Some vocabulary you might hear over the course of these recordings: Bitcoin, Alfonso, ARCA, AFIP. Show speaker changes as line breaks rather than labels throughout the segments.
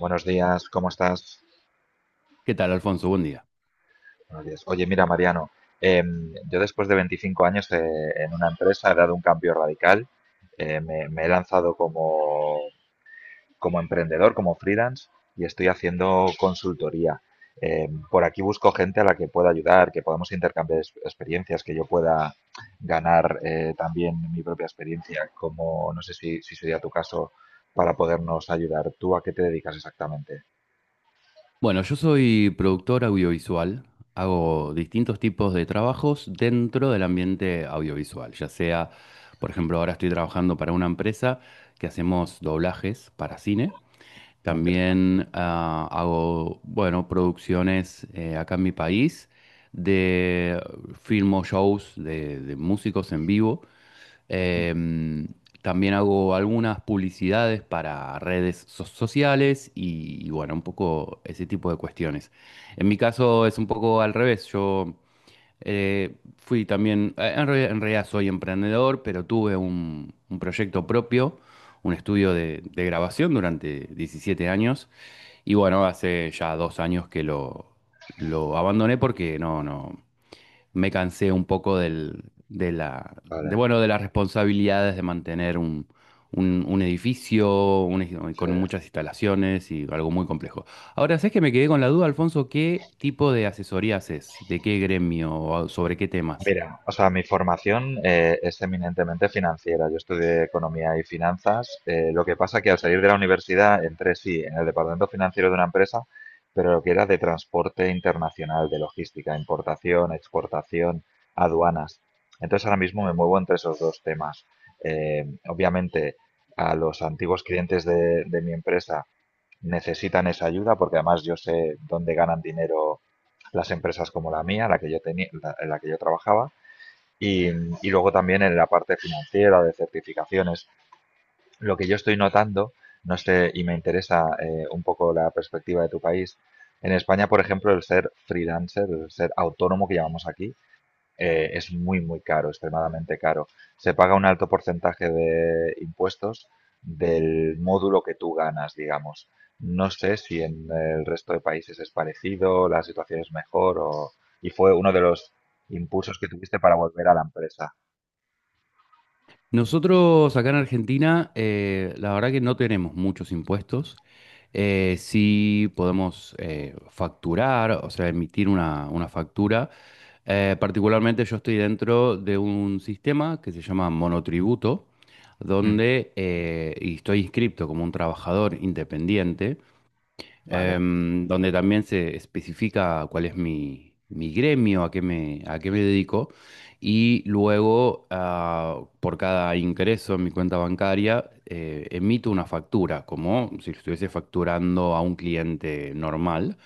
Buenos días, ¿cómo estás?
¿Qué tal, Alfonso? Buen día.
Buenos días. Oye, mira, Mariano, yo después de 25 años en una empresa he dado un cambio radical. Me he lanzado como, como emprendedor, como freelance, y estoy haciendo consultoría. Por aquí busco gente a la que pueda ayudar, que podamos intercambiar experiencias, que yo pueda ganar también mi propia experiencia, como no sé si sería tu caso, para podernos ayudar. ¿Tú a qué te dedicas exactamente?
Bueno, yo soy productor audiovisual, hago distintos tipos de trabajos dentro del ambiente audiovisual, ya sea, por ejemplo, ahora estoy trabajando para una empresa que hacemos doblajes para cine.
Muy interesante.
También hago, bueno, producciones acá en mi país de filmo shows de músicos en vivo. Em, También hago algunas publicidades para redes sociales y, bueno, un poco ese tipo de cuestiones. En mi caso es un poco al revés. Yo fui también, en realidad soy emprendedor, pero tuve un proyecto propio, un estudio de grabación durante 17 años. Y bueno, hace ya 2 años que lo abandoné porque no me cansé un poco del, de la, de,
Vale,
bueno, de las responsabilidades de mantener un edificio
sí.
con muchas instalaciones y algo muy complejo. Ahora, ¿sabes que me quedé con la duda, Alfonso? ¿Qué tipo de asesoría haces? ¿De qué gremio? ¿O ¿Sobre qué temas?
Mira, o sea, mi formación es eminentemente financiera. Yo estudié economía y finanzas. Lo que pasa que al salir de la universidad entré, sí, en el departamento financiero de una empresa, pero lo que era de transporte internacional, de logística, importación, exportación, aduanas. Entonces ahora mismo me muevo entre esos dos temas. Obviamente a los antiguos clientes de mi empresa necesitan esa ayuda porque además yo sé dónde ganan dinero las empresas como la mía, la que yo tenía, la en la que yo trabajaba y luego también en la parte financiera de certificaciones. Lo que yo estoy notando, no sé, y me interesa un poco la perspectiva de tu país, en España, por ejemplo, el ser freelancer, el ser autónomo que llamamos aquí, es muy, muy caro, extremadamente caro. Se paga un alto porcentaje de impuestos del módulo que tú ganas, digamos. No sé si en el resto de países es parecido, la situación es mejor o... y fue uno de los impulsos que tuviste para volver a la empresa.
Nosotros acá en Argentina, la verdad que no tenemos muchos impuestos. Sí podemos facturar, o sea, emitir una factura. Particularmente yo estoy dentro de un sistema que se llama monotributo,
Ujú,
donde y estoy inscripto como un trabajador independiente,
vale,
donde también se especifica cuál es mi gremio, a qué me dedico, y luego por cada ingreso en mi cuenta bancaria emito una factura, como si estuviese facturando a un cliente normal.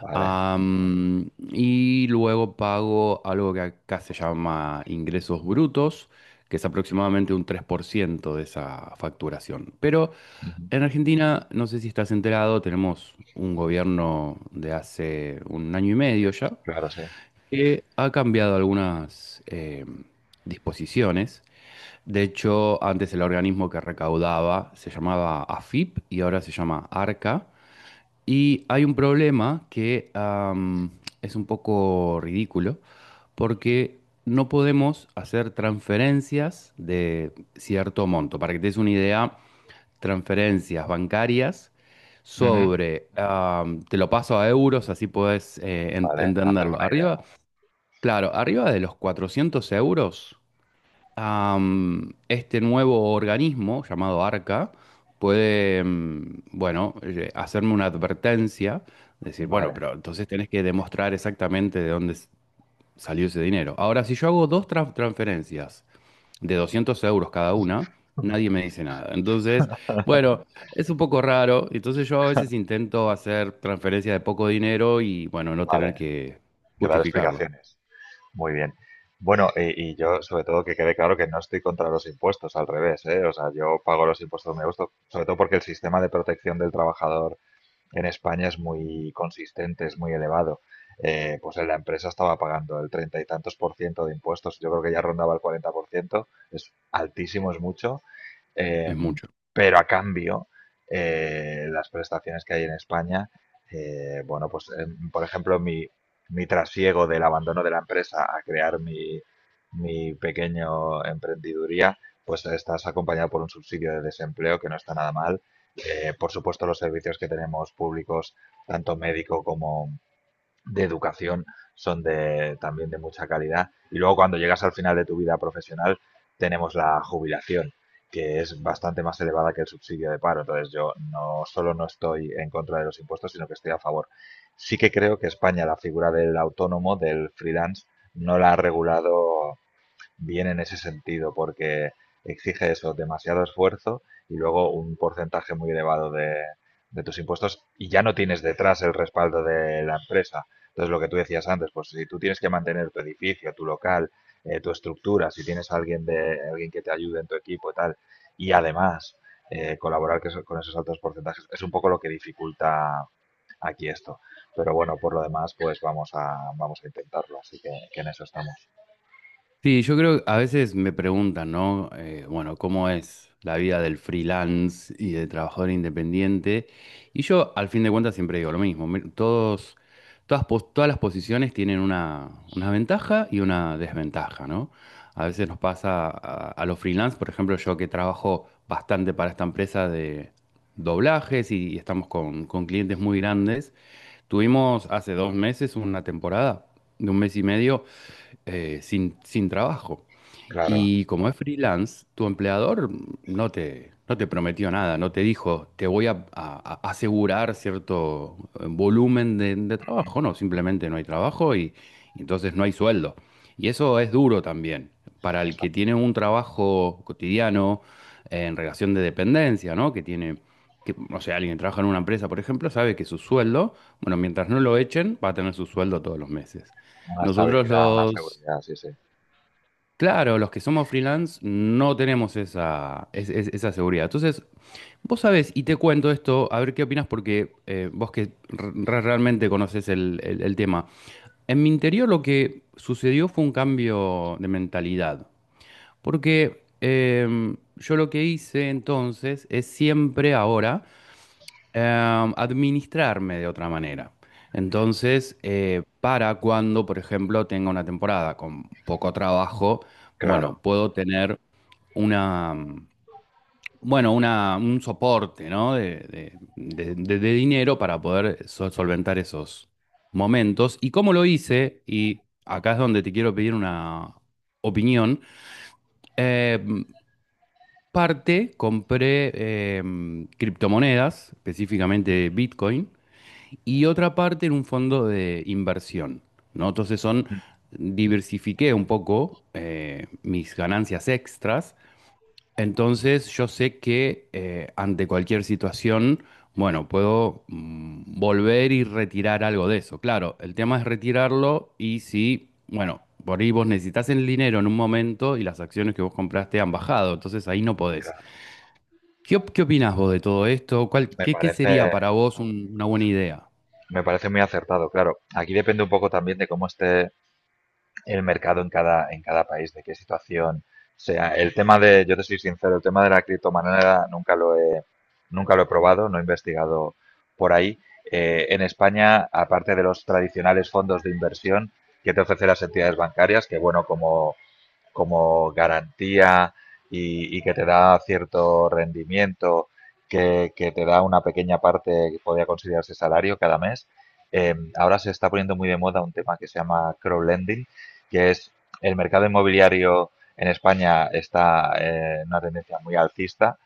vale.
Y luego pago algo que acá se llama ingresos brutos, que es aproximadamente un 3% de esa facturación. Pero
Ujú,
en Argentina, no sé si estás enterado, tenemos un gobierno de hace un año y medio ya,
claro, sí.
que ha cambiado algunas disposiciones. De hecho, antes el organismo que recaudaba se llamaba AFIP y ahora se llama ARCA. Y hay un problema que es un poco ridículo, porque no podemos hacer transferencias de cierto monto. Para que te des una idea, transferencias bancarias
Ujú,
te lo paso a euros, así podés
vale, hacerme
entenderlo.
una idea.
Arriba, claro, arriba de los 400 euros. Este nuevo organismo llamado Arca puede, bueno, hacerme una advertencia, decir, bueno,
Vale,
pero entonces tenés que demostrar exactamente de dónde salió ese dinero. Ahora, si yo hago dos transferencias de 200 euros cada una, nadie me dice nada. Entonces, bueno, es un poco raro. Entonces yo a veces intento hacer transferencias de poco dinero y, bueno, no tener
vale.
que
Que dar
justificarlo.
explicaciones. Muy bien. Bueno, y yo sobre todo que quede claro que no estoy contra los impuestos, al revés, ¿eh? O sea, yo pago los impuestos donde me gusta, sobre todo porque el sistema de protección del trabajador en España es muy consistente, es muy elevado. Pues en la empresa estaba pagando el treinta y tantos por ciento de impuestos, yo creo que ya rondaba el 40%, es altísimo, es mucho. Eh,
Es mucho.
pero a cambio, las prestaciones que hay en España, bueno, pues por ejemplo, mi trasiego del abandono de la empresa a crear mi, mi pequeño emprendiduría, pues estás acompañado por un subsidio de desempleo que no está nada mal. Por supuesto, los servicios que tenemos públicos, tanto médico como, de educación son de, también de mucha calidad. Y luego cuando llegas al final de tu vida profesional tenemos la jubilación, que es bastante más elevada que el subsidio de paro. Entonces yo no solo no estoy en contra de los impuestos, sino que estoy a favor. Sí que creo que España la figura del autónomo, del freelance, no la ha regulado bien en ese sentido, porque exige eso, demasiado esfuerzo y luego un porcentaje muy elevado de tus impuestos y ya no tienes detrás el respaldo de la empresa. Entonces, lo que tú decías antes, pues si tú tienes que mantener tu edificio, tu local, tu estructura, si tienes a alguien, de, alguien que te ayude en tu equipo y tal, y además colaborar que con esos altos porcentajes, es un poco lo que dificulta aquí esto. Pero bueno, por lo demás, pues vamos a intentarlo, así que en eso estamos.
Sí, yo creo que a veces me preguntan, ¿no? Bueno, ¿cómo es la vida del freelance y del trabajador independiente? Y yo, al fin de cuentas, siempre digo lo mismo. Todas las posiciones tienen una ventaja y una desventaja, ¿no? A veces nos pasa a los freelance, por ejemplo, yo que trabajo bastante para esta empresa de doblajes y estamos con clientes muy grandes. Tuvimos hace 2 meses una temporada de un mes y medio sin trabajo.
Claro.
Y como es freelance, tu empleador no te prometió nada, no te dijo, te voy a asegurar cierto volumen de trabajo, no, simplemente no hay trabajo y entonces no hay sueldo. Y eso es duro también para el que tiene
Exacto.
un trabajo cotidiano en relación de dependencia, ¿no? Que tiene, que, o sea, alguien que trabaja en una empresa, por ejemplo, sabe que su sueldo, bueno, mientras no lo echen, va a tener su sueldo todos los meses.
Una
Nosotros,
estabilidad, una
claro, los,
seguridad, sí, sí.
Claro, los que somos freelance no tenemos esa, esa seguridad. Entonces, vos sabés, y te cuento esto, a ver qué opinas, porque vos que realmente conoces el tema. En mi interior lo que sucedió fue un cambio de mentalidad, porque yo lo que hice entonces es siempre ahora administrarme de otra manera. Entonces, para cuando, por ejemplo, tenga una temporada con poco trabajo, bueno,
Claro,
puedo tener una, mm, bueno, una, un soporte, ¿no? De dinero para poder solventar esos momentos. ¿Y cómo lo hice? Y acá es donde te quiero pedir una opinión. Em, Parte compré criptomonedas, específicamente Bitcoin y otra parte en un fondo de inversión, ¿no?
mm,
Diversifiqué un poco mis ganancias extras, entonces yo sé que ante cualquier situación, bueno, puedo volver y retirar algo de eso. Claro, el tema es retirarlo y si, bueno, por ahí vos necesitas el dinero en un momento y las acciones que vos compraste han bajado, entonces ahí no podés.
claro.
¿Qué opinás vos de todo esto? ¿Cuál,
Me
qué, qué sería
parece,
para vos una buena idea?
me parece muy acertado, claro. Aquí depende un poco también de cómo esté el mercado en cada país, de qué situación sea. El tema de, yo te soy sincero, el tema de la criptomoneda nunca lo he, nunca lo he probado, no he investigado por ahí. En España, aparte de los tradicionales fondos de inversión que te ofrecen las entidades bancarias, que bueno, como como garantía y que te da cierto rendimiento, que, te da una pequeña parte que podría considerarse salario cada mes. Ahora se está poniendo muy de moda un tema que se llama crowdlending, que es el mercado inmobiliario en España está en una tendencia muy alcista,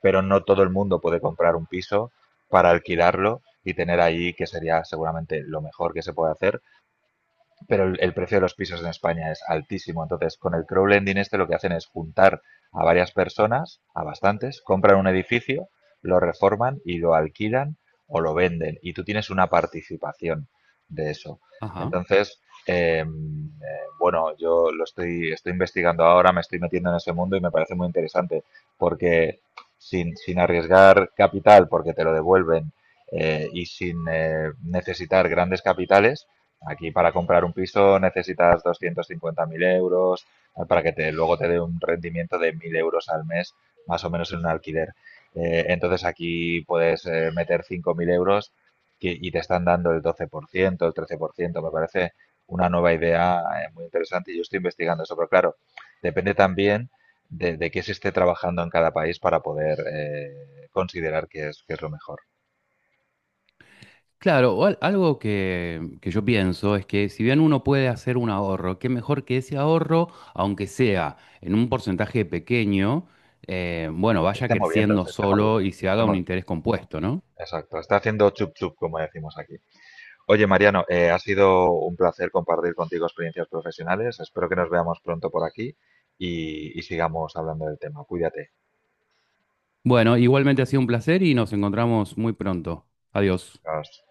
pero no todo el mundo puede comprar un piso para alquilarlo y tener ahí, que sería seguramente lo mejor que se puede hacer, pero el precio de los pisos en España es altísimo. Entonces, con el crowdlending este lo que hacen es juntar a varias personas, a bastantes, compran un edificio, lo reforman y lo alquilan o lo venden. Y tú tienes una participación de eso.
Ajá.
Entonces, bueno, yo lo estoy, estoy investigando ahora, me estoy metiendo en ese mundo y me parece muy interesante porque sin, sin arriesgar capital, porque te lo devuelven, y sin necesitar grandes capitales, aquí para comprar un piso necesitas 250.000 euros para que te, luego te dé un rendimiento de 1.000 euros al mes, más o menos en un alquiler. Entonces aquí puedes meter 5.000 euros y te están dando el 12%, el 13%. Me parece una nueva idea muy interesante y yo estoy investigando eso. Pero claro, depende también de qué se esté trabajando en cada país para poder considerar que es lo mejor.
Claro, algo que yo pienso es que si bien uno puede hacer un ahorro, qué mejor que ese ahorro, aunque sea en un porcentaje pequeño, bueno,
Se
vaya
esté moviendo,
creciendo
se esté moviendo,
solo y se
se esté
haga un
moviendo.
interés compuesto, ¿no?
Exacto, está haciendo chup chup, como decimos aquí. Oye, Mariano, ha sido un placer compartir contigo experiencias profesionales. Espero que nos veamos pronto por aquí y sigamos hablando del tema. Cuídate.
Bueno, igualmente ha sido un placer y nos encontramos muy pronto. Adiós.
Hasta